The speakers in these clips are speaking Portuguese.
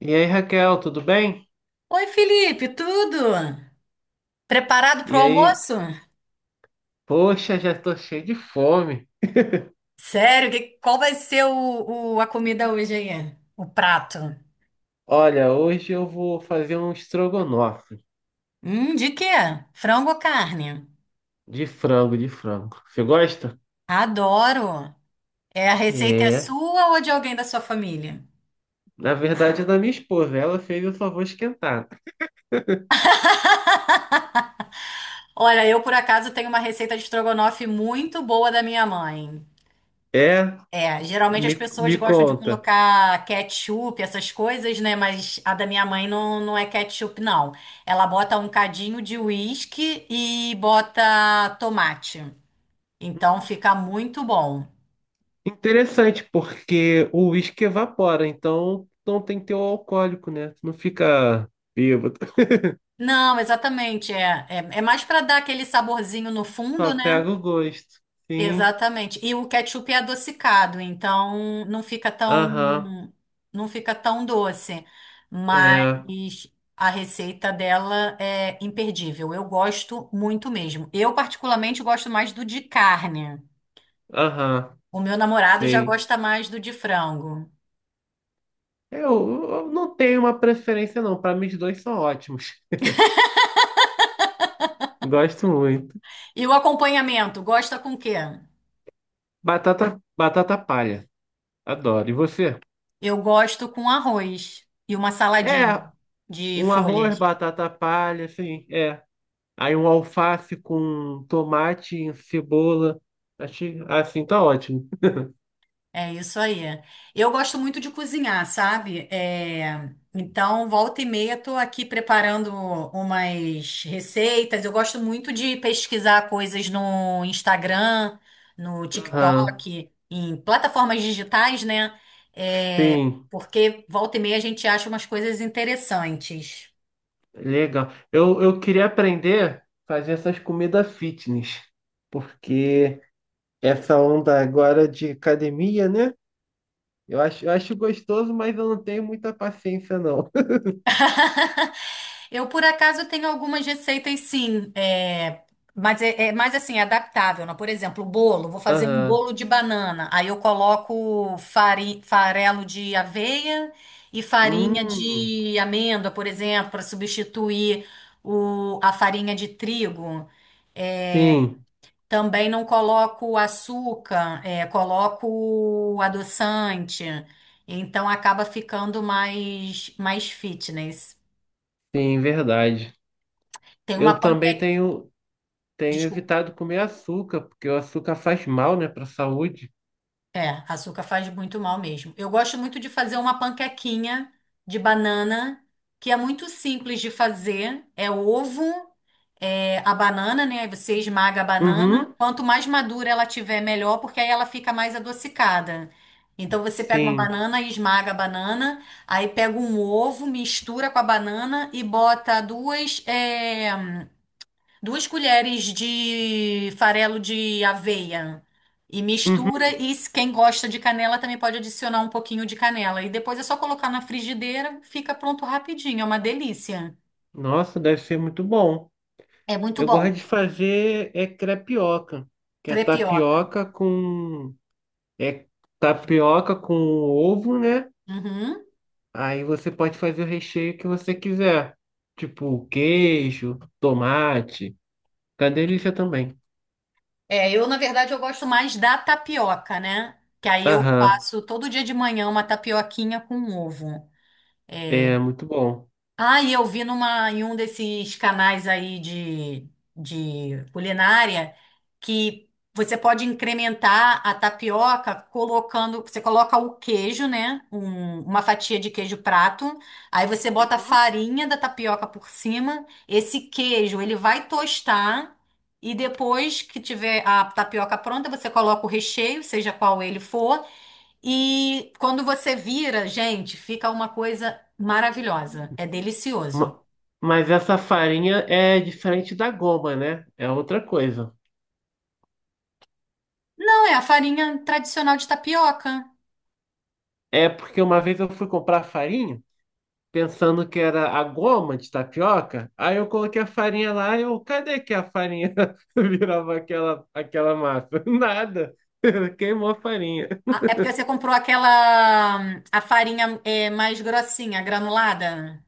E aí, Raquel, tudo bem? Oi, Felipe, tudo? Preparado para o E aí, almoço? poxa, já tô cheio de fome. Sério, qual vai ser a comida hoje aí? O prato? Olha, hoje eu vou fazer um estrogonofe De quê? Frango ou carne? de frango, de frango. Você gosta? Adoro! É, a receita é É, sua ou de alguém da sua família? na verdade é da minha esposa. Ela fez, eu só vou esquentar. Olha, eu por acaso tenho uma receita de estrogonofe muito boa da minha mãe. É, É, geralmente as me, pessoas me gostam de conta. colocar ketchup, essas coisas, né? Mas a da minha mãe não, não é ketchup, não. Ela bota um cadinho de uísque e bota tomate. Então Hum, fica muito bom. interessante, porque o uísque evapora, então não tem que ter o alcoólico, né? Tu não fica bêbado. Não, exatamente. É mais para dar aquele saborzinho no Só fundo, né? pega o gosto. Sim, Exatamente. E o ketchup é adocicado, então não fica tão aham, não fica tão doce, mas é, a receita dela é imperdível. Eu gosto muito mesmo. Eu particularmente gosto mais do de carne. aham, O meu namorado já sei. gosta mais do de frango. Eu não tenho uma preferência, não. Para mim, os dois são ótimos. Gosto muito. E o acompanhamento, gosta com o quê? Batata, batata palha. Adoro. E você? Eu gosto com arroz e uma saladinha É, de um arroz, folhas. batata palha, assim, é. Aí um alface com tomate, cebola. Achei, assim, tá ótimo. É isso aí. Eu gosto muito de cozinhar, sabe? É, então, volta e meia, tô aqui preparando umas receitas. Eu gosto muito de pesquisar coisas no Instagram, no Aham. TikTok, em plataformas digitais, né? É, Sim, porque volta e meia a gente acha umas coisas interessantes. legal. Eu queria aprender a fazer essas comidas fitness, porque essa onda agora de academia, né? Eu acho gostoso, mas eu não tenho muita paciência, não. Eu, por acaso, tenho algumas receitas, sim, é, mas é mais assim, adaptável, né? Por exemplo, bolo, vou fazer um Aham. bolo de banana, aí eu coloco farelo de aveia e farinha Hum, de amêndoa, por exemplo, para substituir a farinha de trigo. sim, Também não coloco açúcar, é, coloco adoçante, então acaba ficando mais fitness. sim, verdade. Tem Eu uma também panqueca. tenho, tenho evitado comer açúcar, porque o açúcar faz mal, né, para a saúde. É, açúcar faz muito mal mesmo. Eu gosto muito de fazer uma panquequinha de banana, que é muito simples de fazer. É ovo, é a banana, né? Aí você esmaga a banana. Uhum, Quanto mais madura ela tiver, melhor, porque aí ela fica mais adocicada. Então você pega uma sim. banana e esmaga a banana, aí pega um ovo, mistura com a banana e bota duas. É, duas colheres de farelo de aveia e Uhum. mistura. E se quem gosta de canela também pode adicionar um pouquinho de canela. E depois é só colocar na frigideira, fica pronto rapidinho. É uma delícia. Nossa, deve ser muito bom. É muito Eu gosto bom. de fazer é crepioca, que Crepioca. É tapioca com ovo, né? Uhum. Aí você pode fazer o recheio que você quiser. Tipo queijo, tomate. Tá delícia também. É, eu, na verdade, eu gosto mais da tapioca, né? Que aí eu Aham, faço todo dia de manhã uma tapioquinha com ovo. é muito bom. Ah, e eu vi em um desses canais aí de culinária que você pode incrementar a tapioca colocando, você coloca o queijo, né? Uma fatia de queijo prato, aí você bota a Uhum. farinha da tapioca por cima, esse queijo ele vai tostar e depois que tiver a tapioca pronta, você coloca o recheio, seja qual ele for, e quando você vira, gente, fica uma coisa maravilhosa. É delicioso. Ma- Mas essa farinha é diferente da goma, né? É outra coisa. Não, é a farinha tradicional de tapioca. É porque uma vez eu fui comprar farinha, pensando que era a goma de tapioca. Aí eu coloquei a farinha lá e eu, cadê que a farinha virava aquela massa? Nada. Queimou a farinha. Ah, é porque você comprou aquela, a farinha é, mais grossinha, granulada.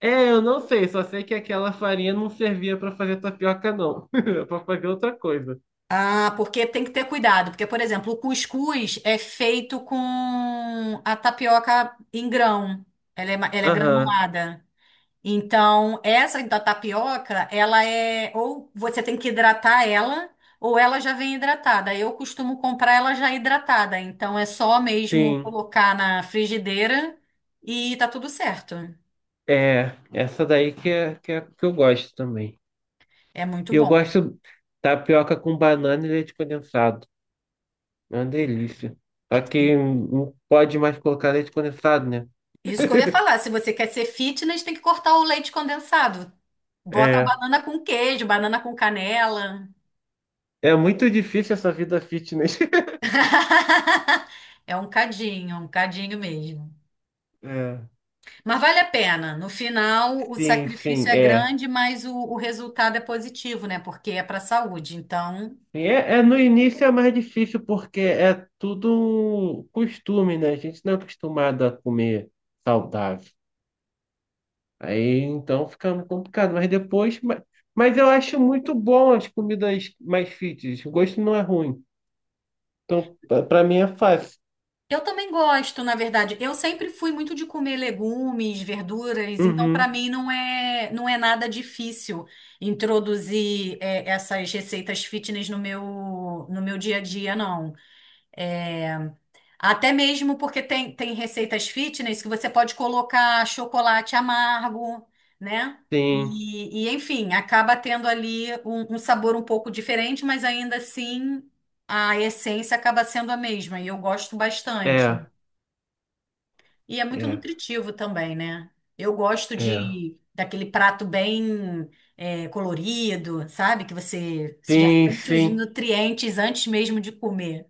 É, eu não sei, só sei que aquela farinha não servia pra fazer tapioca, não. Era pra fazer outra coisa. Ah, porque tem que ter cuidado. Porque, por exemplo, o cuscuz é feito com a tapioca em grão. Ela é Aham, granulada. Então, essa da tapioca, ela é ou você tem que hidratar ela, ou ela já vem hidratada. Eu costumo comprar ela já hidratada, então é só mesmo sim. colocar na frigideira e tá tudo certo. É, essa daí que é, que é que eu gosto também. É E muito eu bom. gosto tapioca com banana e leite condensado. É uma delícia. Só É, que não pode mais colocar leite condensado, né? isso que eu ia falar, se você quer ser fitness, tem que cortar o leite condensado. Bota a É. banana com queijo, banana com canela. É muito difícil essa vida fitness. É um cadinho mesmo. É. Mas vale a pena. No final, o Sim, sim, sacrifício é é. grande, mas o resultado é positivo, né? Porque é para a saúde. Então, Sim, é, é, no início é mais difícil porque é tudo um costume, né? A gente não é acostumado a comer saudável. Aí então fica complicado, mas depois. Mas eu acho muito bom as comidas mais fitness. O gosto não é ruim. Então, pra mim é fácil. eu também gosto, na verdade. Eu sempre fui muito de comer legumes, verduras, então Uhum, para mim não é nada difícil introduzir essas receitas fitness no meu dia a dia, não. É, até mesmo porque tem receitas fitness que você pode colocar chocolate amargo, né? sim, E, enfim, acaba tendo ali um sabor um pouco diferente, mas ainda assim a essência acaba sendo a mesma. E eu gosto bastante. é, E é muito é, nutritivo também, né? Eu gosto é. de daquele prato bem colorido, sabe? Que você já Sim, sente os sim. nutrientes antes mesmo de comer.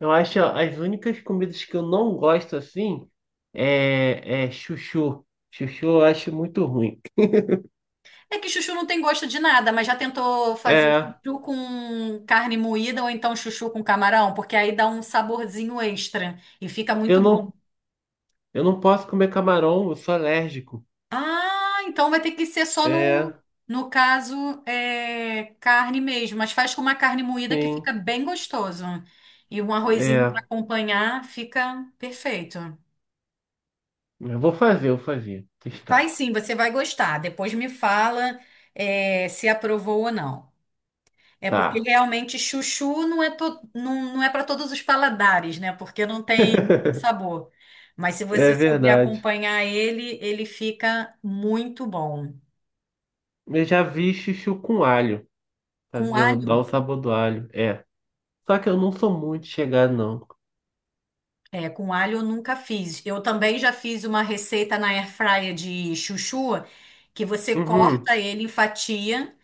Eu acho ó, as únicas comidas que eu não gosto assim é, é chuchu. Chuchu eu acho muito ruim. É que chuchu não tem gosto de nada, mas já tentou fazer É. chuchu com carne moída ou então chuchu com camarão? Porque aí dá um saborzinho extra e fica muito Eu bom. não, eu não posso comer camarão, eu sou alérgico. Ah, então vai ter que ser só no, É, no caso, carne mesmo, mas faz com uma carne moída que fica sim, bem gostoso. E um arrozinho para é. acompanhar fica perfeito. Eu vou fazer, eu vou fazer. Testar. Faz sim, você vai gostar. Depois me fala, se aprovou ou não. É porque Tá. realmente chuchu não, não é para todos os paladares, né? Porque não tem muito sabor. Mas se É você souber verdade. acompanhar ele, ele fica muito bom. Eu já vi chuchu com alho. Com Fazer, dar o alho. sabor do alho. É. Só que eu não sou muito chegado, não. É, com alho eu nunca fiz. Eu também já fiz uma receita na airfryer de chuchu, que você Uhum. corta ele em fatia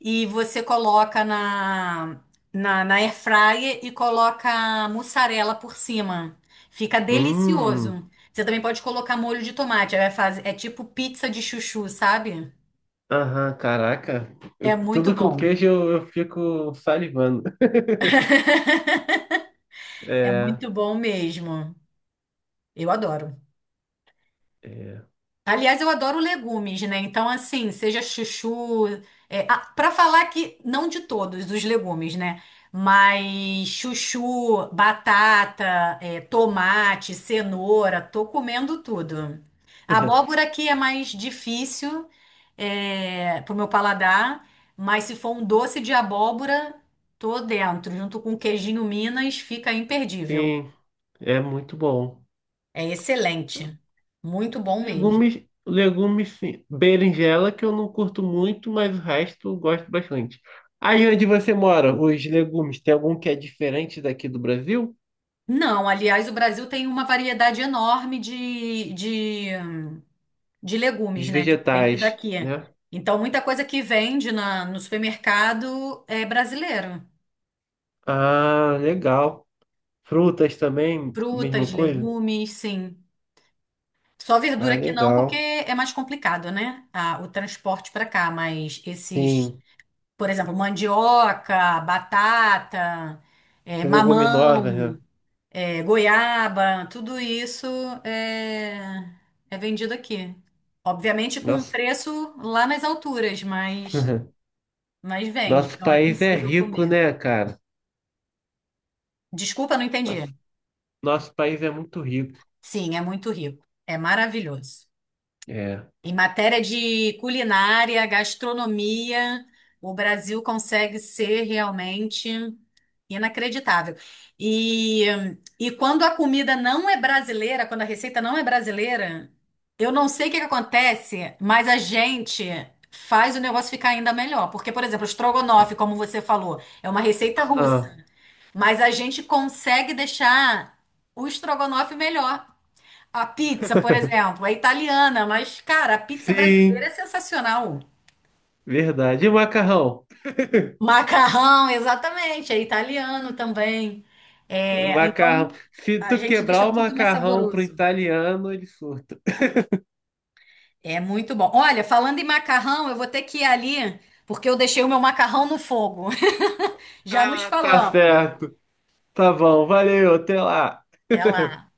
e você coloca na airfryer e coloca mussarela por cima. Fica Hum. delicioso. Você também pode colocar molho de tomate. É, faz, é tipo pizza de chuchu, sabe? Aham, caraca. É muito Tudo com bom. queijo eu fico salivando. É É, muito bom mesmo. Eu adoro. é. Aliás, eu adoro legumes, né? Então, assim, seja chuchu. É, para falar que não de todos os legumes, né? Mas chuchu, batata, é, tomate, cenoura, tô comendo tudo. A abóbora aqui é mais difícil, é, pro meu paladar, mas se for um doce de abóbora, tô dentro. Junto com queijinho Minas, fica imperdível. Sim, é muito bom. É excelente. Muito bom mesmo. Legumes, legumes, sim. Berinjela, que eu não curto muito, mas o resto eu gosto bastante. Aí onde você mora, os legumes, tem algum que é diferente daqui do Brasil? Não, aliás, o Brasil tem uma variedade enorme de Os legumes, né? Diferente vegetais, daqui. né? Então, muita coisa que vende no supermercado é brasileiro. Ah, legal. Frutas também, mesma Frutas, coisa? legumes, sim. Só Ah, verdura que não, porque legal. é mais complicado, né? Ah, o transporte para cá, mas esses, Sim. por exemplo, mandioca, batata, Leguminosas, mamão, né? é, goiaba, tudo isso é, é vendido aqui. Obviamente com um Nossa, preço lá nas alturas, mas, mas vende, nosso então é país é possível rico, comer. né, cara? Desculpa, não entendi. Nosso, nosso país é muito rico. Sim, é muito rico. É maravilhoso. É. Em matéria de culinária, gastronomia, o Brasil consegue ser realmente inacreditável. E, e quando a comida não é brasileira, quando a receita não é brasileira, eu não sei o que que acontece, mas a gente faz o negócio ficar ainda melhor. Porque, por exemplo, o estrogonofe, como você falou, é uma receita russa, Aham. mas a gente consegue deixar o estrogonofe melhor. A pizza, por exemplo, é italiana, mas, cara, a pizza brasileira é Sim, sensacional. verdade. E o macarrão? Macarrão, exatamente, é italiano também. É, então, Macarrão. Se a tu gente deixa quebrar o tudo mais macarrão pro saboroso. italiano, ele surta. É muito bom. Olha, falando em macarrão, eu vou ter que ir ali, porque eu deixei o meu macarrão no fogo. Já nos Ah, tá falamos. certo. Tá bom, valeu, até lá. Até lá.